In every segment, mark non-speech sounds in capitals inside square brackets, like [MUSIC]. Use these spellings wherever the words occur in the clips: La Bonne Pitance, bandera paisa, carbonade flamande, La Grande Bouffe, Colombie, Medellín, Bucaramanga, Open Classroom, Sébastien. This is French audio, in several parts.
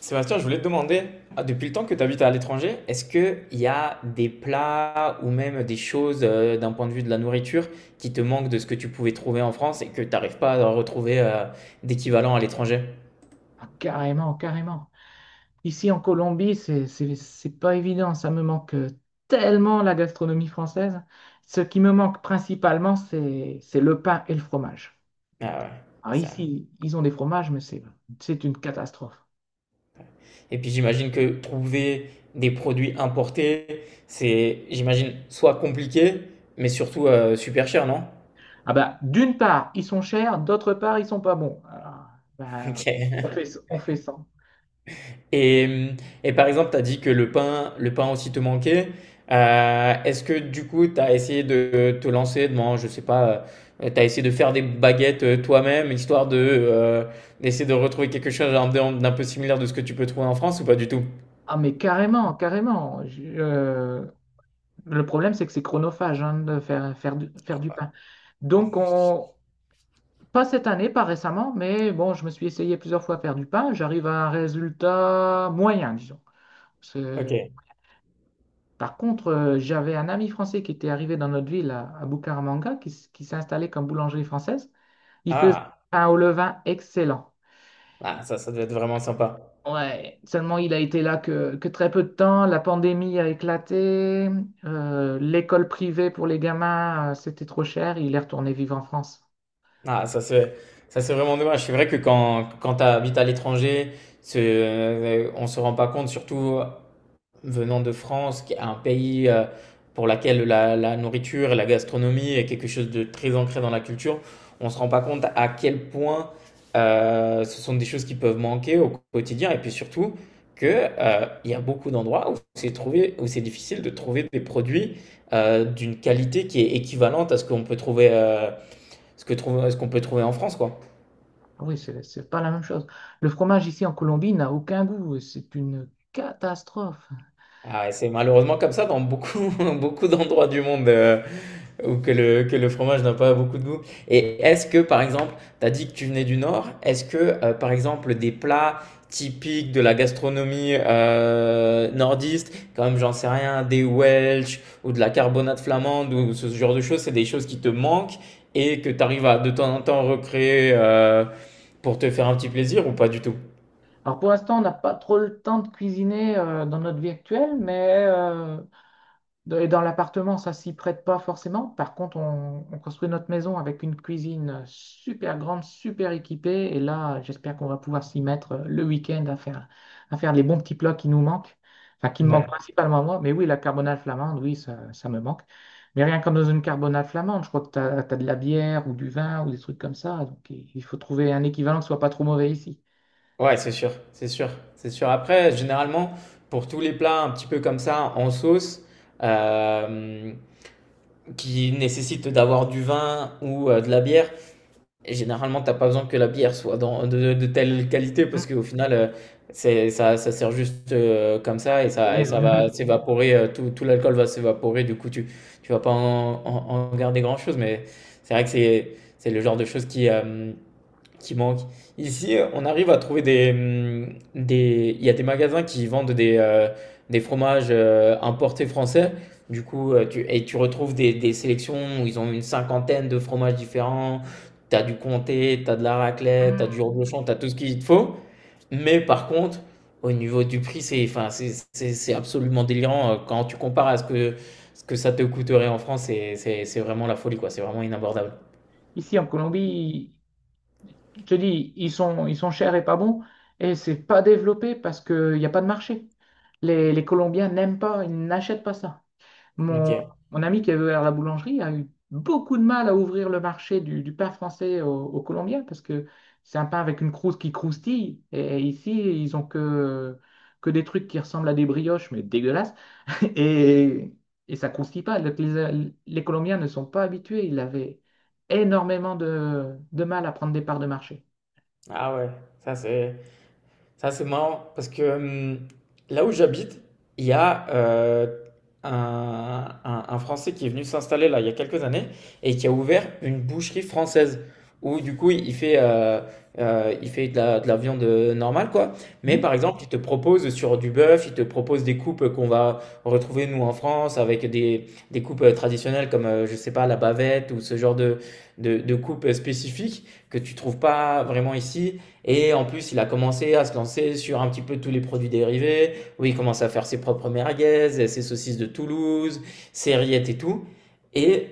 Sébastien, je voulais te demander, ah, depuis le temps que tu habites à l'étranger, est-ce qu'il y a des plats ou même des choses d'un point de vue de la nourriture qui te manquent de ce que tu pouvais trouver en France et que tu n'arrives pas à retrouver d'équivalent à l'étranger? Ah, carrément, carrément. Ici en Colombie, c'est pas évident. Ça me manque tellement la gastronomie française. Ce qui me manque principalement, c'est le pain et le fromage. Ah ouais, Alors c'est ça. ici, ils ont des fromages, mais c'est une catastrophe. Et puis j'imagine que trouver des produits importés, c'est, j'imagine, soit compliqué, mais surtout super cher, non? [LAUGHS] Ah bah, d'une part, ils sont chers, d'autre part, ils sont pas bons. Alors, ben, Ok. on fait ça. Et, et par exemple, tu as dit que le pain aussi te manquait. Est-ce que du coup, tu as essayé de te lancer dans, je sais pas, tu as essayé de faire des baguettes toi-même, histoire de d'essayer de retrouver quelque chose d'un peu similaire de ce que tu peux trouver en France ou pas du tout? Ah mais carrément, carrément. Le problème, c'est que c'est chronophage, hein, de faire du pain. Donc, on, Pas cette année, pas récemment, mais bon, je me suis essayé plusieurs fois à faire du pain. J'arrive à un résultat moyen, disons. C'est- Ok. Par contre, j'avais un ami français qui était arrivé dans notre ville à Bucaramanga, qui s'est installé comme boulangerie française. Il faisait un Ah, pain au levain excellent. ah ça, ça doit être vraiment sympa. Ouais, seulement il a été là que très peu de temps. La pandémie a éclaté. L'école privée pour les gamins, c'était trop cher. Il est retourné vivre en France. Ah, ça, c'est vraiment dommage. C'est vrai que quand tu habites à l'étranger, on se rend pas compte, surtout venant de France, qui est un pays pour laquelle la nourriture et la gastronomie est quelque chose de très ancré dans la culture, on ne se rend pas compte à quel point ce sont des choses qui peuvent manquer au quotidien. Et puis surtout, que, il y a beaucoup d'endroits où c'est trouvé, où c'est difficile de trouver des produits d'une qualité qui est équivalente à ce qu'on peut trouver, ce qu'on peut trouver en France, quoi. Oui, c'est pas la même chose. Le fromage ici en Colombie n'a aucun goût. C'est une catastrophe. Ah ouais, c'est malheureusement comme ça dans beaucoup, [LAUGHS] beaucoup d'endroits du monde où que le fromage n'a pas beaucoup de goût. Et est-ce que, par exemple, tu as dit que tu venais du Nord, est-ce que, par exemple, des plats typiques de la gastronomie nordiste, comme j'en sais rien, des Welsh ou de la carbonade flamande ou ce genre de choses, c'est des choses qui te manquent et que tu arrives à de temps en temps recréer pour te faire un petit plaisir ou pas du tout? Alors pour l'instant, on n'a pas trop le temps de cuisiner dans notre vie actuelle, mais et dans l'appartement, ça s'y prête pas forcément. Par contre, on construit notre maison avec une cuisine super grande, super équipée. Et là, j'espère qu'on va pouvoir s'y mettre le week-end à faire les bons petits plats qui nous manquent. Enfin, qui me manquent principalement à moi. Mais oui, la carbonade flamande, oui, ça me manque. Mais rien comme dans une carbonade flamande, je crois que tu as, de la bière ou du vin ou des trucs comme ça. Donc, il faut trouver un équivalent qui soit pas trop mauvais ici. Ouais, c'est sûr, c'est sûr, c'est sûr. Après, généralement, pour tous les plats un petit peu comme ça, en sauce, euh, qui nécessitent d'avoir du vin ou de la bière, et généralement, t'as pas besoin que la bière soit dans, de telle qualité, Hum, parce qu'au final, ça sert juste comme ça, putain, et ça va s'évaporer, tout l'alcool va s'évaporer, du coup, tu vas pas en, en garder grand-chose, mais c'est vrai que c'est le genre de choses qui manque. Ici, on arrive à trouver il y a des magasins qui vendent des fromages importés français. Du coup, et tu retrouves des sélections où ils ont une cinquantaine de fromages différents. T'as du comté, t'as de la raclette, t'as du [LAUGHS] reblochon, t'as tout ce qu'il te faut. Mais par contre, au niveau du prix, enfin, c'est absolument délirant. Quand tu compares à ce que ça te coûterait en France, c'est vraiment la folie, quoi. C'est vraiment inabordable. Ici, en Colombie, je te dis, ils sont chers et pas bons, et c'est pas développé parce qu'il n'y a pas de marché. Les Colombiens n'aiment pas, ils n'achètent pas ça. Mon, Ok. mon ami qui est vers la boulangerie a eu beaucoup de mal à ouvrir le marché du pain français aux Colombiens parce que c'est un pain avec une croûte qui croustille, et ici, ils ont que des trucs qui ressemblent à des brioches, mais dégueulasses. Et, et ça croustille pas. Donc, les Colombiens ne sont pas habitués. Ils avaient énormément de mal à prendre des parts de marché. Ah ouais, ça c'est. Ça, c'est marrant parce que là où j'habite, il y a un Français qui est venu s'installer là il y a quelques années et qui a ouvert une boucherie française où du coup il fait de la viande normale quoi. Mais Hmm, par exemple, il te propose sur du bœuf, il te propose des coupes qu'on va retrouver nous en France avec des coupes traditionnelles comme je sais pas la bavette ou ce genre de coupes spécifiques que tu trouves pas vraiment ici. Et en plus, il a commencé à se lancer sur un petit peu tous les produits dérivés, où il commence à faire ses propres merguez, ses saucisses de Toulouse, ses rillettes et tout. Et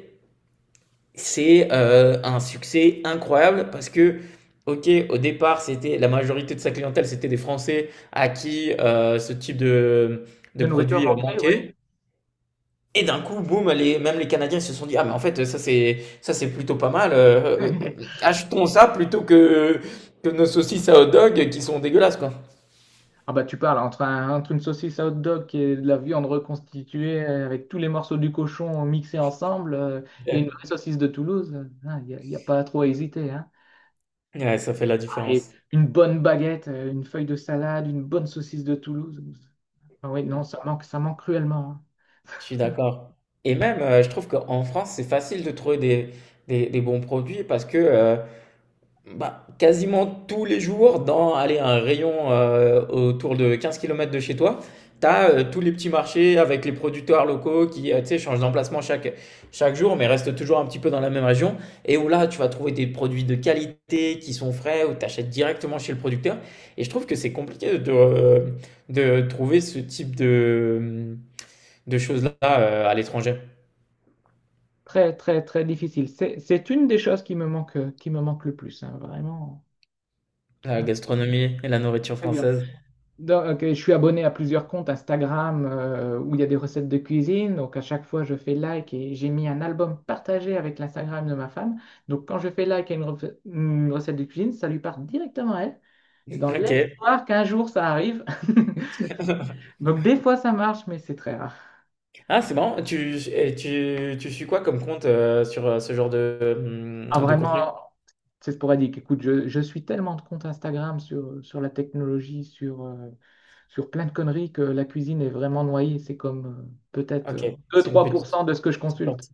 c'est un succès incroyable parce que, ok, au départ, c'était la majorité de sa clientèle, c'était des Français à qui ce type de de nourriture produit manquée, ouais. manquait. Et d'un coup, boum, même les Canadiens se sont dit, ah mais en fait, ça c'est plutôt pas mal. [LAUGHS] Achetons ça plutôt que nos saucisses à hot dog qui sont dégueulasses, quoi. Ah bah tu parles entre une saucisse à hot dog qui est de la viande reconstituée avec tous les morceaux du cochon mixés ensemble, et une vraie Ouais. saucisse de Toulouse, il n'y a pas trop à hésiter, hein. Ouais, ça fait la Et différence. une bonne baguette, une feuille de salade, une bonne saucisse de Toulouse. Ah oui, non, Mmh. Ça manque cruellement, hein. Je suis d'accord. Et même, je trouve qu'en France, c'est facile de trouver des bons produits parce que, bah, quasiment tous les jours, dans allez, un rayon autour de 15 km de chez toi, tu as tous les petits marchés avec les producteurs locaux qui tu sais, changent d'emplacement chaque jour, mais restent toujours un petit peu dans la même région. Et où là, tu vas trouver des produits de qualité qui sont frais, ou tu achètes directement chez le producteur. Et je trouve que c'est compliqué de trouver ce type de choses-là à l'étranger. Très, très, très difficile. C'est une des choses qui me manque le plus, hein, vraiment. La Vraiment gastronomie et la nourriture pas évident. française. Donc, ok, je suis abonné à plusieurs comptes Instagram où il y a des recettes de cuisine. Donc, à chaque fois, je fais like et j'ai mis un album partagé avec l'Instagram de ma femme. Donc, quand je fais like à une recette de cuisine, ça lui part directement à elle. Et dans Ok. l'espoir qu'un jour, ça arrive. [LAUGHS] Donc des fois ça marche, mais c'est très rare. Ah, c'est marrant. Tu suis quoi comme compte sur ce genre Ah, de vraiment, contenu? c'est sporadique. Écoute, je suis tellement de comptes Instagram sur la technologie, sur plein de conneries que la cuisine est vraiment noyée. C'est comme peut-être Ok, c'est une 2-3% de ce que je petite consulte. partie.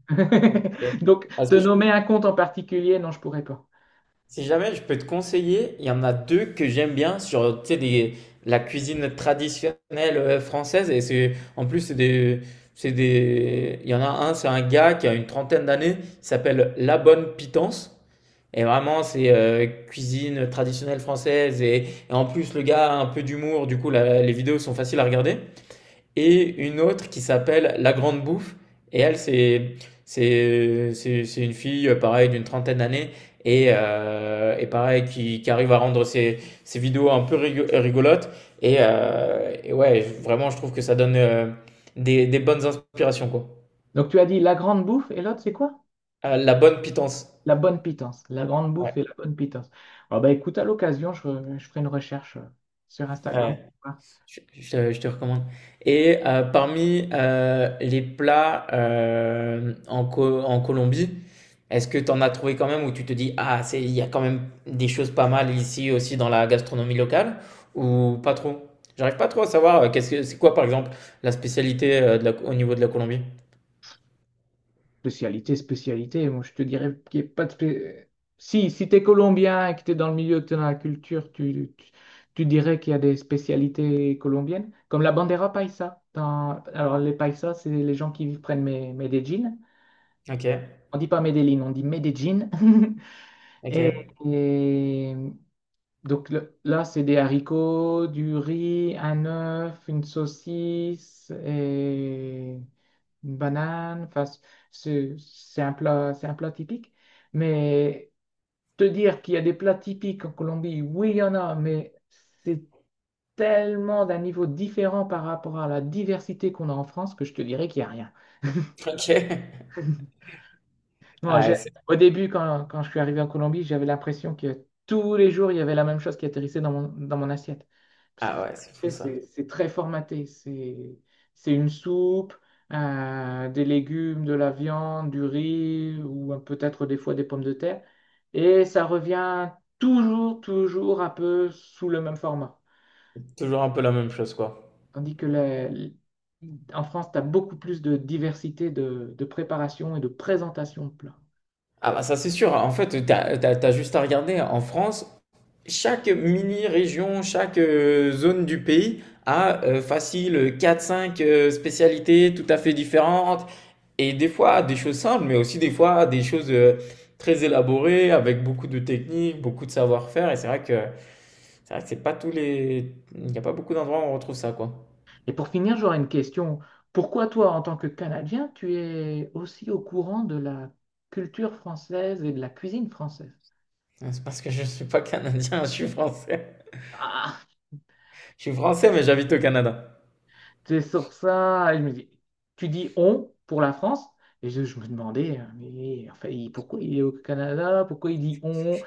Ok. [LAUGHS] Donc Parce te que nommer un compte en particulier, non, je pourrais pas. si jamais je peux te conseiller, il y en a deux que j'aime bien sur tu sais, la cuisine traditionnelle française. Et en plus, il y en a un, c'est un gars qui a une trentaine d'années, il s'appelle La Bonne Pitance. Et vraiment, c'est cuisine traditionnelle française. Et en plus, le gars a un peu d'humour. Du coup, les vidéos sont faciles à regarder. Et une autre qui s'appelle La Grande Bouffe. Et elle, c'est une fille, pareil, d'une trentaine d'années. Et pareil, qui arrive à rendre ses vidéos un peu rigolotes. Et ouais, vraiment, je trouve que ça donne des bonnes inspirations, quoi. Donc tu as dit La Grande Bouffe et l'autre c'est quoi? La bonne pitance. La Bonne Pitance. La Grande Bouffe Ouais. et La Bonne Pitance. Ah bah écoute, à l'occasion, je ferai une recherche sur Instagram. Ouais. Je te recommande. Et parmi les plats en Colombie, est-ce que tu en as trouvé quand même où tu te dis, ah, il y a quand même des choses pas mal ici aussi dans la gastronomie locale ou pas trop? J'arrive pas trop à savoir, c'est quoi par exemple la spécialité au niveau de la Colombie? Spécialité, spécialité. Moi, je te dirais qu'il n'y a pas de. Si tu es colombien et que tu es dans le milieu, que tu es dans la culture, tu dirais qu'il y a des spécialités colombiennes, comme la bandera paisa. Alors, les paisas, c'est les gens qui prennent mes Medellín. Ok, On dit pas Medellín, on dit Medellín. [LAUGHS] ok, Et, et donc là, c'est des haricots, du riz, un œuf, une saucisse. Et une banane. Enfin, c'est un plat, c'est un plat typique. Mais te dire qu'il y a des plats typiques en Colombie, oui, il y en a, mais c'est tellement d'un niveau différent par rapport à la diversité qu'on a en France que je te dirais qu'il n'y a rien. [LAUGHS] ok. Non, Ah, au début, quand je suis arrivé en Colombie, j'avais l'impression que tous les jours, il y avait la même chose qui atterrissait dans mon assiette. Parce que, ah ouais, c'est tu fou sais, ça. c'est très formaté. C'est une soupe, des légumes, de la viande, du riz ou peut-être des fois des pommes de terre. Et ça revient toujours, toujours un peu sous le même format. Toujours un peu la même chose quoi. Tandis que en France, tu as beaucoup plus de diversité de préparation et de présentation de plats. Ah bah ça c'est sûr, en fait, t'as juste à regarder en France. Chaque mini-région, chaque zone du pays a facile quatre cinq spécialités tout à fait différentes. Et des fois, des choses simples, mais aussi des fois, des choses très élaborées, avec beaucoup de techniques, beaucoup de savoir-faire. Et c'est vrai que c'est pas tous les... Il n'y a pas beaucoup d'endroits où on retrouve ça, quoi. Et pour finir, j'aurais une question. Pourquoi toi, en tant que Canadien, tu es aussi au courant de la culture française et de la cuisine française? C'est parce que je ne suis pas canadien, [LAUGHS] je suis français. Ah, Je suis français, mais j'habite au Canada. c'est sur ça. Et je me dis, tu dis on pour la France. Et je me demandais, mais enfin, pourquoi il est au Canada? Pourquoi il dit on?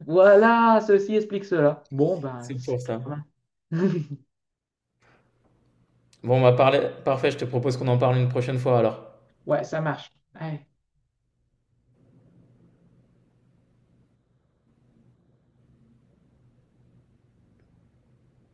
Voilà, ceci explique cela. Bon, ben, C'est c'est pour ça. quand. [LAUGHS] Bon, on va parler... Parfait, je te propose qu'on en parle une prochaine fois, alors. Ouais, ça marche. Ouais.